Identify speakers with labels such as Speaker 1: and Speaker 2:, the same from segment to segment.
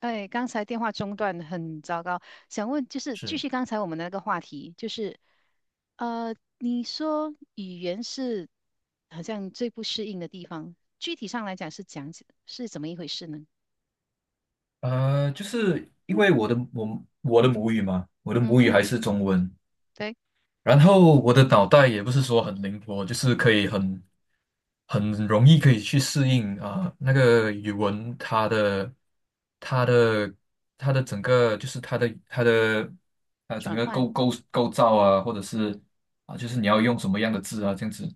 Speaker 1: 哎，刚才电话中断很糟糕，想问就是继
Speaker 2: 是，
Speaker 1: 续刚才我们的那个话题，就是你说语言是好像最不适应的地方，具体上来讲是怎么一回事呢？
Speaker 2: 就是因为我的母语嘛，我的
Speaker 1: 嗯
Speaker 2: 母语
Speaker 1: 哼，
Speaker 2: 还是中文。
Speaker 1: 对，
Speaker 2: 然后我的脑袋也不是说很灵活，就是可以很容易可以去适应啊、那个语文它的它的整个就是它的整
Speaker 1: 转
Speaker 2: 个
Speaker 1: 换。
Speaker 2: 构造啊，或者是啊、就是你要用什么样的字啊这样子。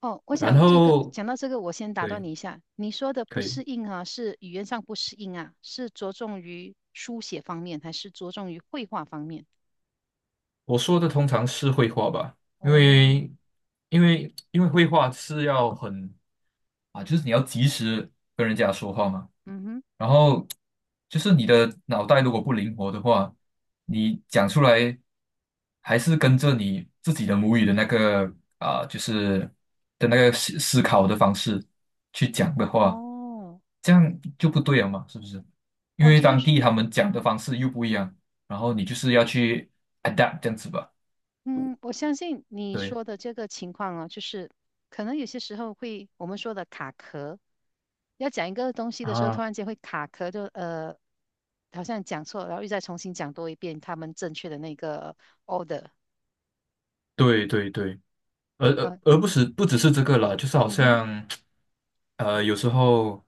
Speaker 1: 哦，我
Speaker 2: 然
Speaker 1: 想这个
Speaker 2: 后
Speaker 1: 讲到这个，我先打断
Speaker 2: 对，
Speaker 1: 你一下，你说的不
Speaker 2: 可以。
Speaker 1: 适应啊，是语言上不适应啊，是着重于书写方面，还是着重于绘画方面？
Speaker 2: 我说的通常是绘画吧。因
Speaker 1: 哦，
Speaker 2: 为因为绘画是要很啊，就是你要及时跟人家说话嘛。
Speaker 1: 嗯哼，
Speaker 2: 然后就是你的脑袋如果不灵活的话，你讲出来还是跟着你自己的母语的那个啊，就是的那个思考的方式去讲的话，
Speaker 1: 哦，
Speaker 2: 这样就不对了嘛，是不是？因
Speaker 1: 哦，
Speaker 2: 为
Speaker 1: 就
Speaker 2: 当
Speaker 1: 是。
Speaker 2: 地他们讲的方式又不一样，然后你就是要去 adapt 这样子吧。
Speaker 1: 嗯，我相信你
Speaker 2: 对
Speaker 1: 说的这个情况哦，就是可能有些时候会我们说的卡壳，要讲一个东西的时候，突
Speaker 2: 啊。
Speaker 1: 然间会卡壳就，好像讲错，然后又再重新讲多一遍他们正确的那个 order
Speaker 2: 对对对。而而
Speaker 1: 啊，
Speaker 2: 而不是不只是这个啦，就是好
Speaker 1: 嗯哼，
Speaker 2: 像，有时候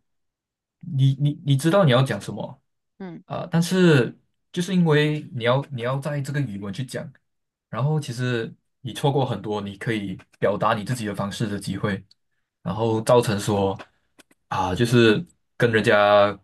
Speaker 2: 你知道你要讲什么
Speaker 1: 嗯，
Speaker 2: 啊，但是就是因为你要在这个语文去讲，然后其实你错过很多你可以表达你自己的方式的机会，然后造成说啊，就是跟人家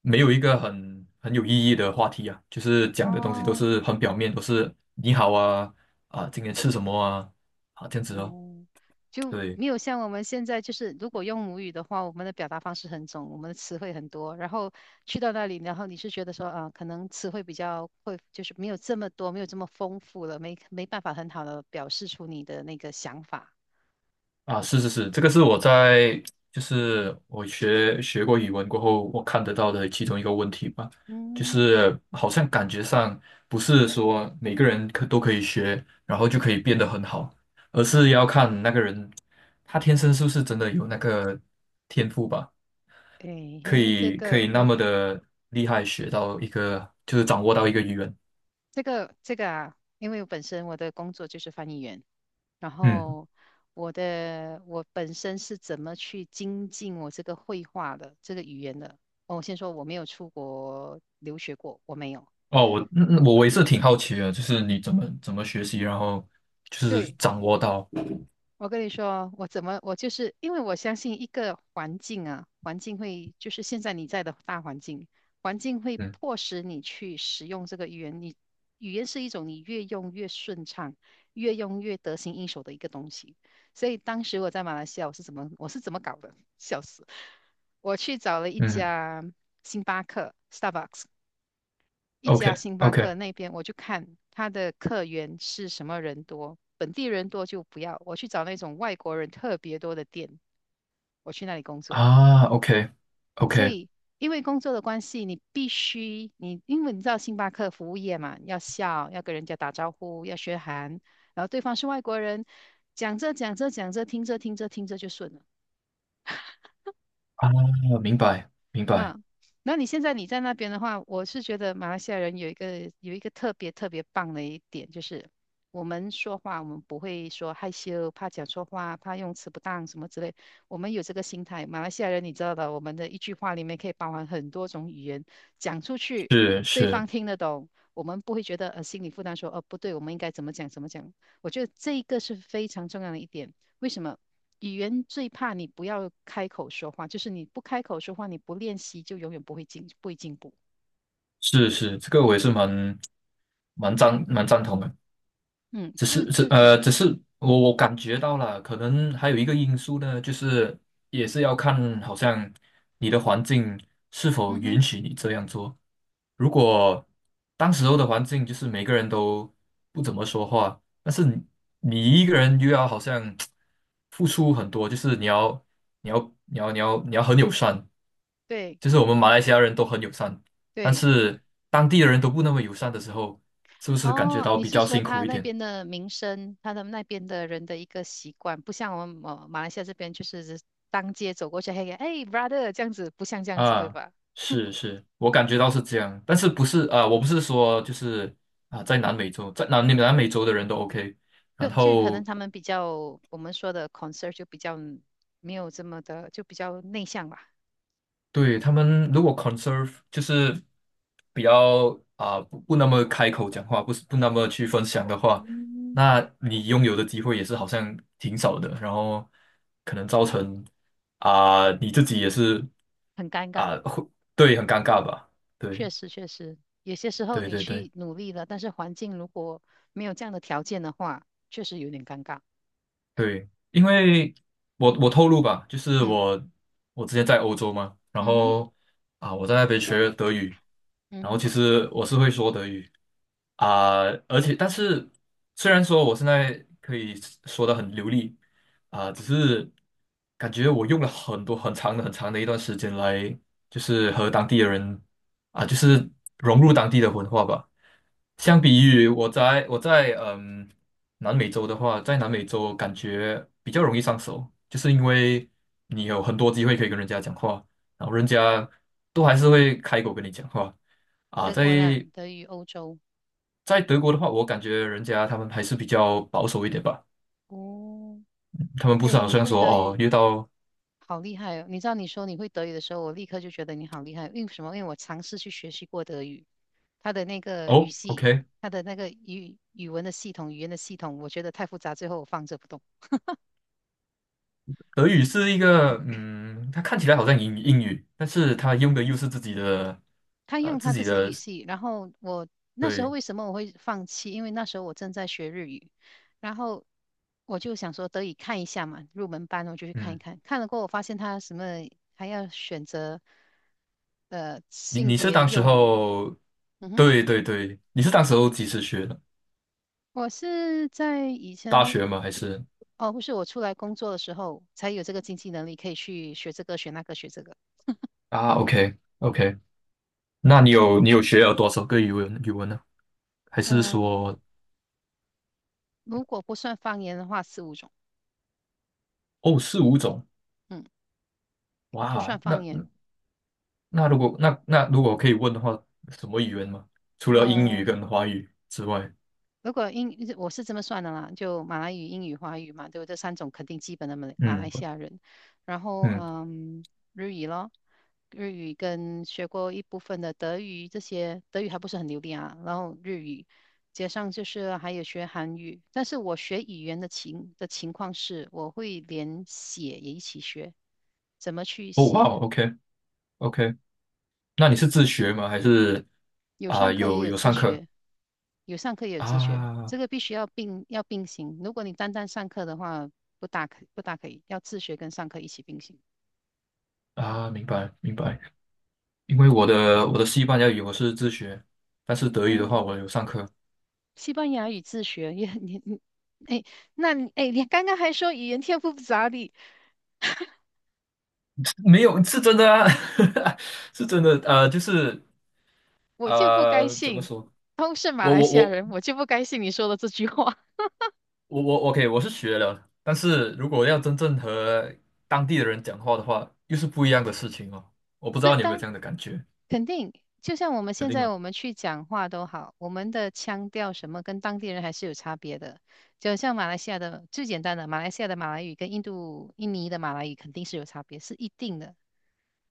Speaker 2: 没有一个很有意义的话题啊，就是讲的东西都
Speaker 1: 哦。
Speaker 2: 是很表面，都是你好啊啊，今天吃什么啊啊这样子哦。
Speaker 1: 哦，就
Speaker 2: 对
Speaker 1: 没有像我们现在，就是如果用母语的话，我们的表达方式很重，我们的词汇很多。然后去到那里，然后你是觉得说啊，可能词汇比较会，就是没有这么多，没有这么丰富了，没办法很好的表示出你的那个想法。
Speaker 2: 啊。是是是。这个是我在就是我学过语文过后，我看得到的其中一个问题吧，就
Speaker 1: 嗯，
Speaker 2: 是好像感觉上不是说每个人可都可以学，然后就可以变得很好，而是要看那个人他天生是不是真的有那个天赋吧。
Speaker 1: 诶
Speaker 2: 可
Speaker 1: 嘿，这
Speaker 2: 以可以
Speaker 1: 个
Speaker 2: 那
Speaker 1: 我
Speaker 2: 么的厉害，学到一个就是掌握到一个语言。
Speaker 1: 这个啊，因为我本身我的工作就是翻译员，然
Speaker 2: 嗯。
Speaker 1: 后我本身是怎么去精进我这个绘画的这个语言的？哦，我先说我没有出国留学过，我没有。
Speaker 2: 哦，我也是挺好奇的，就是你怎么学习，然后就是
Speaker 1: 对，
Speaker 2: 掌握到。
Speaker 1: 我跟你说，我怎么，我就是因为我相信一个环境啊，环境会就是现在你在的大环境，环境会
Speaker 2: 嗯
Speaker 1: 迫使你去使用这个语言。语言是一种你越用越顺畅，越用越得心应手的一个东西。所以当时我在马来西亚，我是怎么搞的？笑死！我去找了一
Speaker 2: 嗯
Speaker 1: 家星巴克 （Starbucks），一
Speaker 2: ，OK
Speaker 1: 家星巴
Speaker 2: OK。
Speaker 1: 克那边，我就看他的客源是什么人多，本地人多就不要，我去找那种外国人特别多的店，我去那里工作。
Speaker 2: 啊，OK
Speaker 1: 所
Speaker 2: OK。
Speaker 1: 以因为工作的关系，你必须你因为你知道星巴克服务业嘛，要笑，要跟人家打招呼，要学韩，然后对方是外国人，讲着讲着讲着，听着听着听着就顺了。
Speaker 2: 啊，明白明白。
Speaker 1: 嗯，那你现在你在那边的话，我是觉得马来西亚人有一个特别特别棒的一点，就是我们说话，我们不会说害羞、怕讲错话、怕用词不当什么之类，我们有这个心态。马来西亚人你知道的，我们的一句话里面可以包含很多种语言，讲出去
Speaker 2: 是
Speaker 1: 对
Speaker 2: 是
Speaker 1: 方听得懂，我们不会觉得心理负担说，哦不对，我们应该怎么讲怎么讲。我觉得这一个是非常重要的一点，为什么？语言最怕你不要开口说话，就是你不开口说话，你不练习就永远不会进，不会进步。
Speaker 2: 是是。这个我也是蛮赞同的。
Speaker 1: 嗯，就就这样。
Speaker 2: 只是我感觉到了，可能还有一个因素呢，就是也是要看，好像你的环境是否
Speaker 1: 嗯哼，
Speaker 2: 允许你这样做。如果当时候的环境就是每个人都不怎么说话，但是你一个人又要好像付出很多，就是你要很友善，
Speaker 1: 对
Speaker 2: 就是我们马来西亚人都很友善，但
Speaker 1: 对。
Speaker 2: 是当地的人都不那么友善的时候，是不是感觉
Speaker 1: 哦，
Speaker 2: 到
Speaker 1: 你
Speaker 2: 比
Speaker 1: 是
Speaker 2: 较
Speaker 1: 说
Speaker 2: 辛
Speaker 1: 他
Speaker 2: 苦一
Speaker 1: 那
Speaker 2: 点？
Speaker 1: 边的民生，他的那边的人的一个习惯，不像我们马来西亚这边，就是当街走过去，嘿，哎，brother 这样子，不像这样子，对
Speaker 2: 啊，
Speaker 1: 吧？
Speaker 2: 是是，我感觉到是这样，但是不是啊？我不是说就是啊，在南美洲，在南美洲的人都 OK。
Speaker 1: 就
Speaker 2: 然
Speaker 1: 就可能
Speaker 2: 后
Speaker 1: 他们比较，我们说的 concern 就比较没有这么的，就比较内向吧。
Speaker 2: 对他们如果 conserve 就是比较啊不那么开口讲话，不是不那么去分享的话，
Speaker 1: 嗯，
Speaker 2: 那你拥有的机会也是好像挺少的，然后可能造成啊你自己也是
Speaker 1: 很尴尬。
Speaker 2: 啊会对很尴尬吧？
Speaker 1: 确
Speaker 2: 对
Speaker 1: 实确实，有些时候
Speaker 2: 对
Speaker 1: 你
Speaker 2: 对对。
Speaker 1: 去努力了，但是环境如果没有这样的条件的话，确实有点尴尬。
Speaker 2: 对，因为我透露吧，就是
Speaker 1: 嗯
Speaker 2: 我之前在欧洲嘛，然
Speaker 1: 嗯哼
Speaker 2: 后啊我在那边学德语，
Speaker 1: 嗯
Speaker 2: 然后
Speaker 1: 哼，
Speaker 2: 其实我是会说德语啊，而且但是虽然说我现在可以说的很流利啊，只是感觉我用了很多很长的很长的一段时间来，就是和当地的人啊，就是融入当地的文化吧。相比于我在南美洲的话，在南美洲感觉比较容易上手，就是因为你有很多机会可以跟人家讲话，然后人家都还是会开口跟你讲话啊。
Speaker 1: 德
Speaker 2: 在
Speaker 1: 国呢，德语欧洲。
Speaker 2: 在德国的话，我感觉人家他们还是比较保守一点吧，
Speaker 1: 哦，
Speaker 2: 他们不是
Speaker 1: 哎，
Speaker 2: 好
Speaker 1: 你
Speaker 2: 像
Speaker 1: 会
Speaker 2: 说
Speaker 1: 德
Speaker 2: 哦
Speaker 1: 语，
Speaker 2: 遇到
Speaker 1: 好厉害哦！你知道你说你会德语的时候，我立刻就觉得你好厉害。因为什么？因为我尝试去学习过德语，它的那个语
Speaker 2: 哦
Speaker 1: 系，
Speaker 2: OK。
Speaker 1: 它的那个语文的系统、语言的系统，我觉得太复杂，最后我放着不动。
Speaker 2: 德语是一个嗯，它看起来好像英语，但是它用的又是自己的
Speaker 1: 他用
Speaker 2: 自
Speaker 1: 他自
Speaker 2: 己
Speaker 1: 己的
Speaker 2: 的
Speaker 1: 语系，然后那时候
Speaker 2: 对。
Speaker 1: 为什么我会放弃？因为那时候我正在学日语，然后我就想说得以看一下嘛，入门班我就去看一
Speaker 2: 嗯。
Speaker 1: 看。看了过后，我发现他什么还要选择
Speaker 2: 你
Speaker 1: 性
Speaker 2: 你是
Speaker 1: 别
Speaker 2: 当时
Speaker 1: 用语。
Speaker 2: 候，
Speaker 1: 嗯哼，
Speaker 2: 对对对，你是当时候几时学的？
Speaker 1: 我是在以
Speaker 2: 大
Speaker 1: 前
Speaker 2: 学吗？还是
Speaker 1: 哦，不是我出来工作的时候才有这个经济能力可以去学这个学那个学这个。
Speaker 2: 啊？OK OK。那你有学了多少个语文呢？还是
Speaker 1: 嗯、
Speaker 2: 说
Speaker 1: 如果不算方言的话，四五种，
Speaker 2: 哦四五种？
Speaker 1: 嗯，不算
Speaker 2: 哇。
Speaker 1: 方
Speaker 2: 那
Speaker 1: 言。
Speaker 2: 那如果那那如果可以问的话，什么语言吗？除了英语
Speaker 1: 呃，
Speaker 2: 跟华语之外。
Speaker 1: 如果英，我是这么算的啦，就马来语、英语、华语嘛，对不对这三种肯定基本的马来马来
Speaker 2: 嗯
Speaker 1: 西亚人。然后，
Speaker 2: 嗯，
Speaker 1: 嗯，日语咯，日语跟学过一部分的德语，这些德语还不是很流利啊。然后日语，加上就是还有学韩语。但是我学语言的情况是，我会连写也一起学，怎么去
Speaker 2: 哦哇
Speaker 1: 写。
Speaker 2: ，OK OK。那你是自学吗？还是
Speaker 1: 有
Speaker 2: 啊、
Speaker 1: 上课也
Speaker 2: 有
Speaker 1: 有
Speaker 2: 有
Speaker 1: 自
Speaker 2: 上课
Speaker 1: 学，有上课也有自学，这
Speaker 2: 啊
Speaker 1: 个必须要并行。如果你单单上课的话，不大可以，要自学跟上课一起并行。
Speaker 2: 啊？明白明白。因为我的西班牙语我是自学，但是德语的话
Speaker 1: 哦，
Speaker 2: 我有上课。
Speaker 1: 西班牙语自学也你你，哎，那你哎，你刚刚还说语言天赋不咋地，
Speaker 2: 没有是真的啊。是真的。就是
Speaker 1: 我就不该
Speaker 2: 怎么
Speaker 1: 信，
Speaker 2: 说？
Speaker 1: 都是马
Speaker 2: 我
Speaker 1: 来
Speaker 2: 我
Speaker 1: 西亚
Speaker 2: 我
Speaker 1: 人，我就不该信你说的这句话。
Speaker 2: 我 OK。我是学了，但是如果要真正和当地的人讲话的话，又是不一样的事情哦。我不知
Speaker 1: 对，
Speaker 2: 道你有没有这
Speaker 1: 但
Speaker 2: 样的感觉，
Speaker 1: 肯定，就像我们
Speaker 2: 肯
Speaker 1: 现
Speaker 2: 定
Speaker 1: 在
Speaker 2: 啊
Speaker 1: 我们去讲话都好，我们的腔调什么跟当地人还是有差别的。就像马来西亚的最简单的，马来西亚的马来语跟印度、印尼的马来语肯定是有差别，是一定的，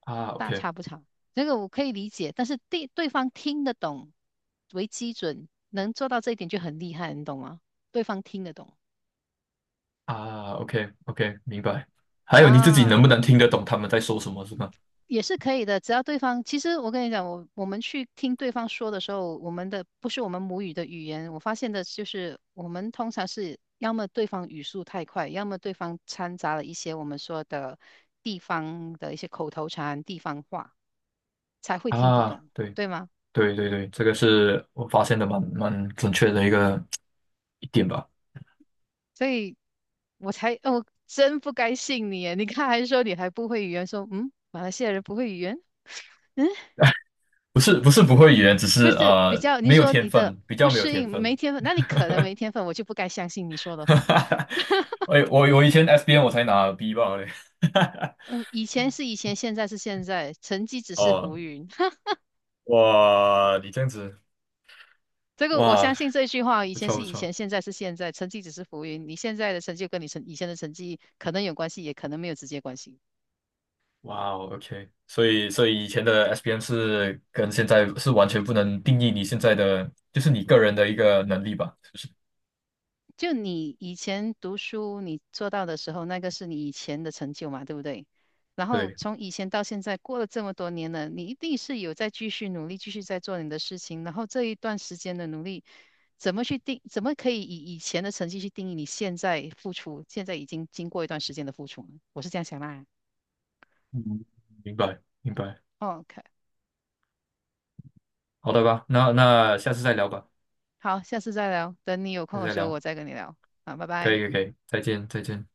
Speaker 2: 啊
Speaker 1: 大
Speaker 2: ，OK。
Speaker 1: 差不差。这个我可以理解，但是对方听得懂为基准，能做到这一点就很厉害，你懂吗？对方听得懂
Speaker 2: 啊，OK OK。明白。还有你自己能不
Speaker 1: 啊，
Speaker 2: 能听得懂他们在说什么，是吗？
Speaker 1: 也是可以的，只要对方，其实我跟你讲，我们去听对方说的时候，我们的不是我们母语的语言，我发现的就是我们通常是要么对方语速太快，要么对方掺杂了一些我们说的地方的一些口头禅、地方话，才会听不
Speaker 2: 啊，
Speaker 1: 懂，
Speaker 2: 对。
Speaker 1: 对吗？
Speaker 2: 对对对。这个是我发现的蛮准确的一点吧。
Speaker 1: 所以哦，真不该信你耶你看还说你还不会语言，说马来西亚人不会语言。嗯。
Speaker 2: 不是不是不会语言，只是
Speaker 1: 不是比较，你
Speaker 2: 没有
Speaker 1: 说
Speaker 2: 天
Speaker 1: 你的
Speaker 2: 分，比
Speaker 1: 不
Speaker 2: 较没有
Speaker 1: 适
Speaker 2: 天
Speaker 1: 应
Speaker 2: 分。
Speaker 1: 没天分，那你可能没天分，我就不该相信你说 的
Speaker 2: 哈
Speaker 1: 话。
Speaker 2: 哈哈。我以前 SBN 我才拿 B 吧嘞。
Speaker 1: 嗯，以前是以前，现在是现在，成绩只是
Speaker 2: 哦，
Speaker 1: 浮云。
Speaker 2: 哇，你这样子。
Speaker 1: 这个我
Speaker 2: 哇，
Speaker 1: 相信这句话，以
Speaker 2: 不
Speaker 1: 前
Speaker 2: 错
Speaker 1: 是
Speaker 2: 不
Speaker 1: 以前，
Speaker 2: 错。
Speaker 1: 现在是现在，成绩只是浮云。你现在的成就跟你以前的成绩可能有关系，也可能没有直接关系。
Speaker 2: 哇哦，OK。所以以前的 SBN 是跟现在是完全不能定义你现在的，就是你个人的一个能力吧，是不是？
Speaker 1: 就你以前读书你做到的时候，那个是你以前的成就嘛，对不对？然后
Speaker 2: 对。
Speaker 1: 从以前到现在，过了这么多年了，你一定是有在继续努力，继续在做你的事情。然后这一段时间的努力，怎么去定？怎么可以以以前的成绩去定义你现在付出？现在已经经过一段时间的付出了，我是这样想啦。
Speaker 2: 嗯。明白明白。
Speaker 1: OK，
Speaker 2: 好的吧。那下次再聊吧。
Speaker 1: 好，下次再聊，等你有
Speaker 2: 下
Speaker 1: 空
Speaker 2: 次
Speaker 1: 的
Speaker 2: 再
Speaker 1: 时候我
Speaker 2: 聊。
Speaker 1: 再跟你聊。好，拜
Speaker 2: 可
Speaker 1: 拜。
Speaker 2: 以可以，可以再见再见。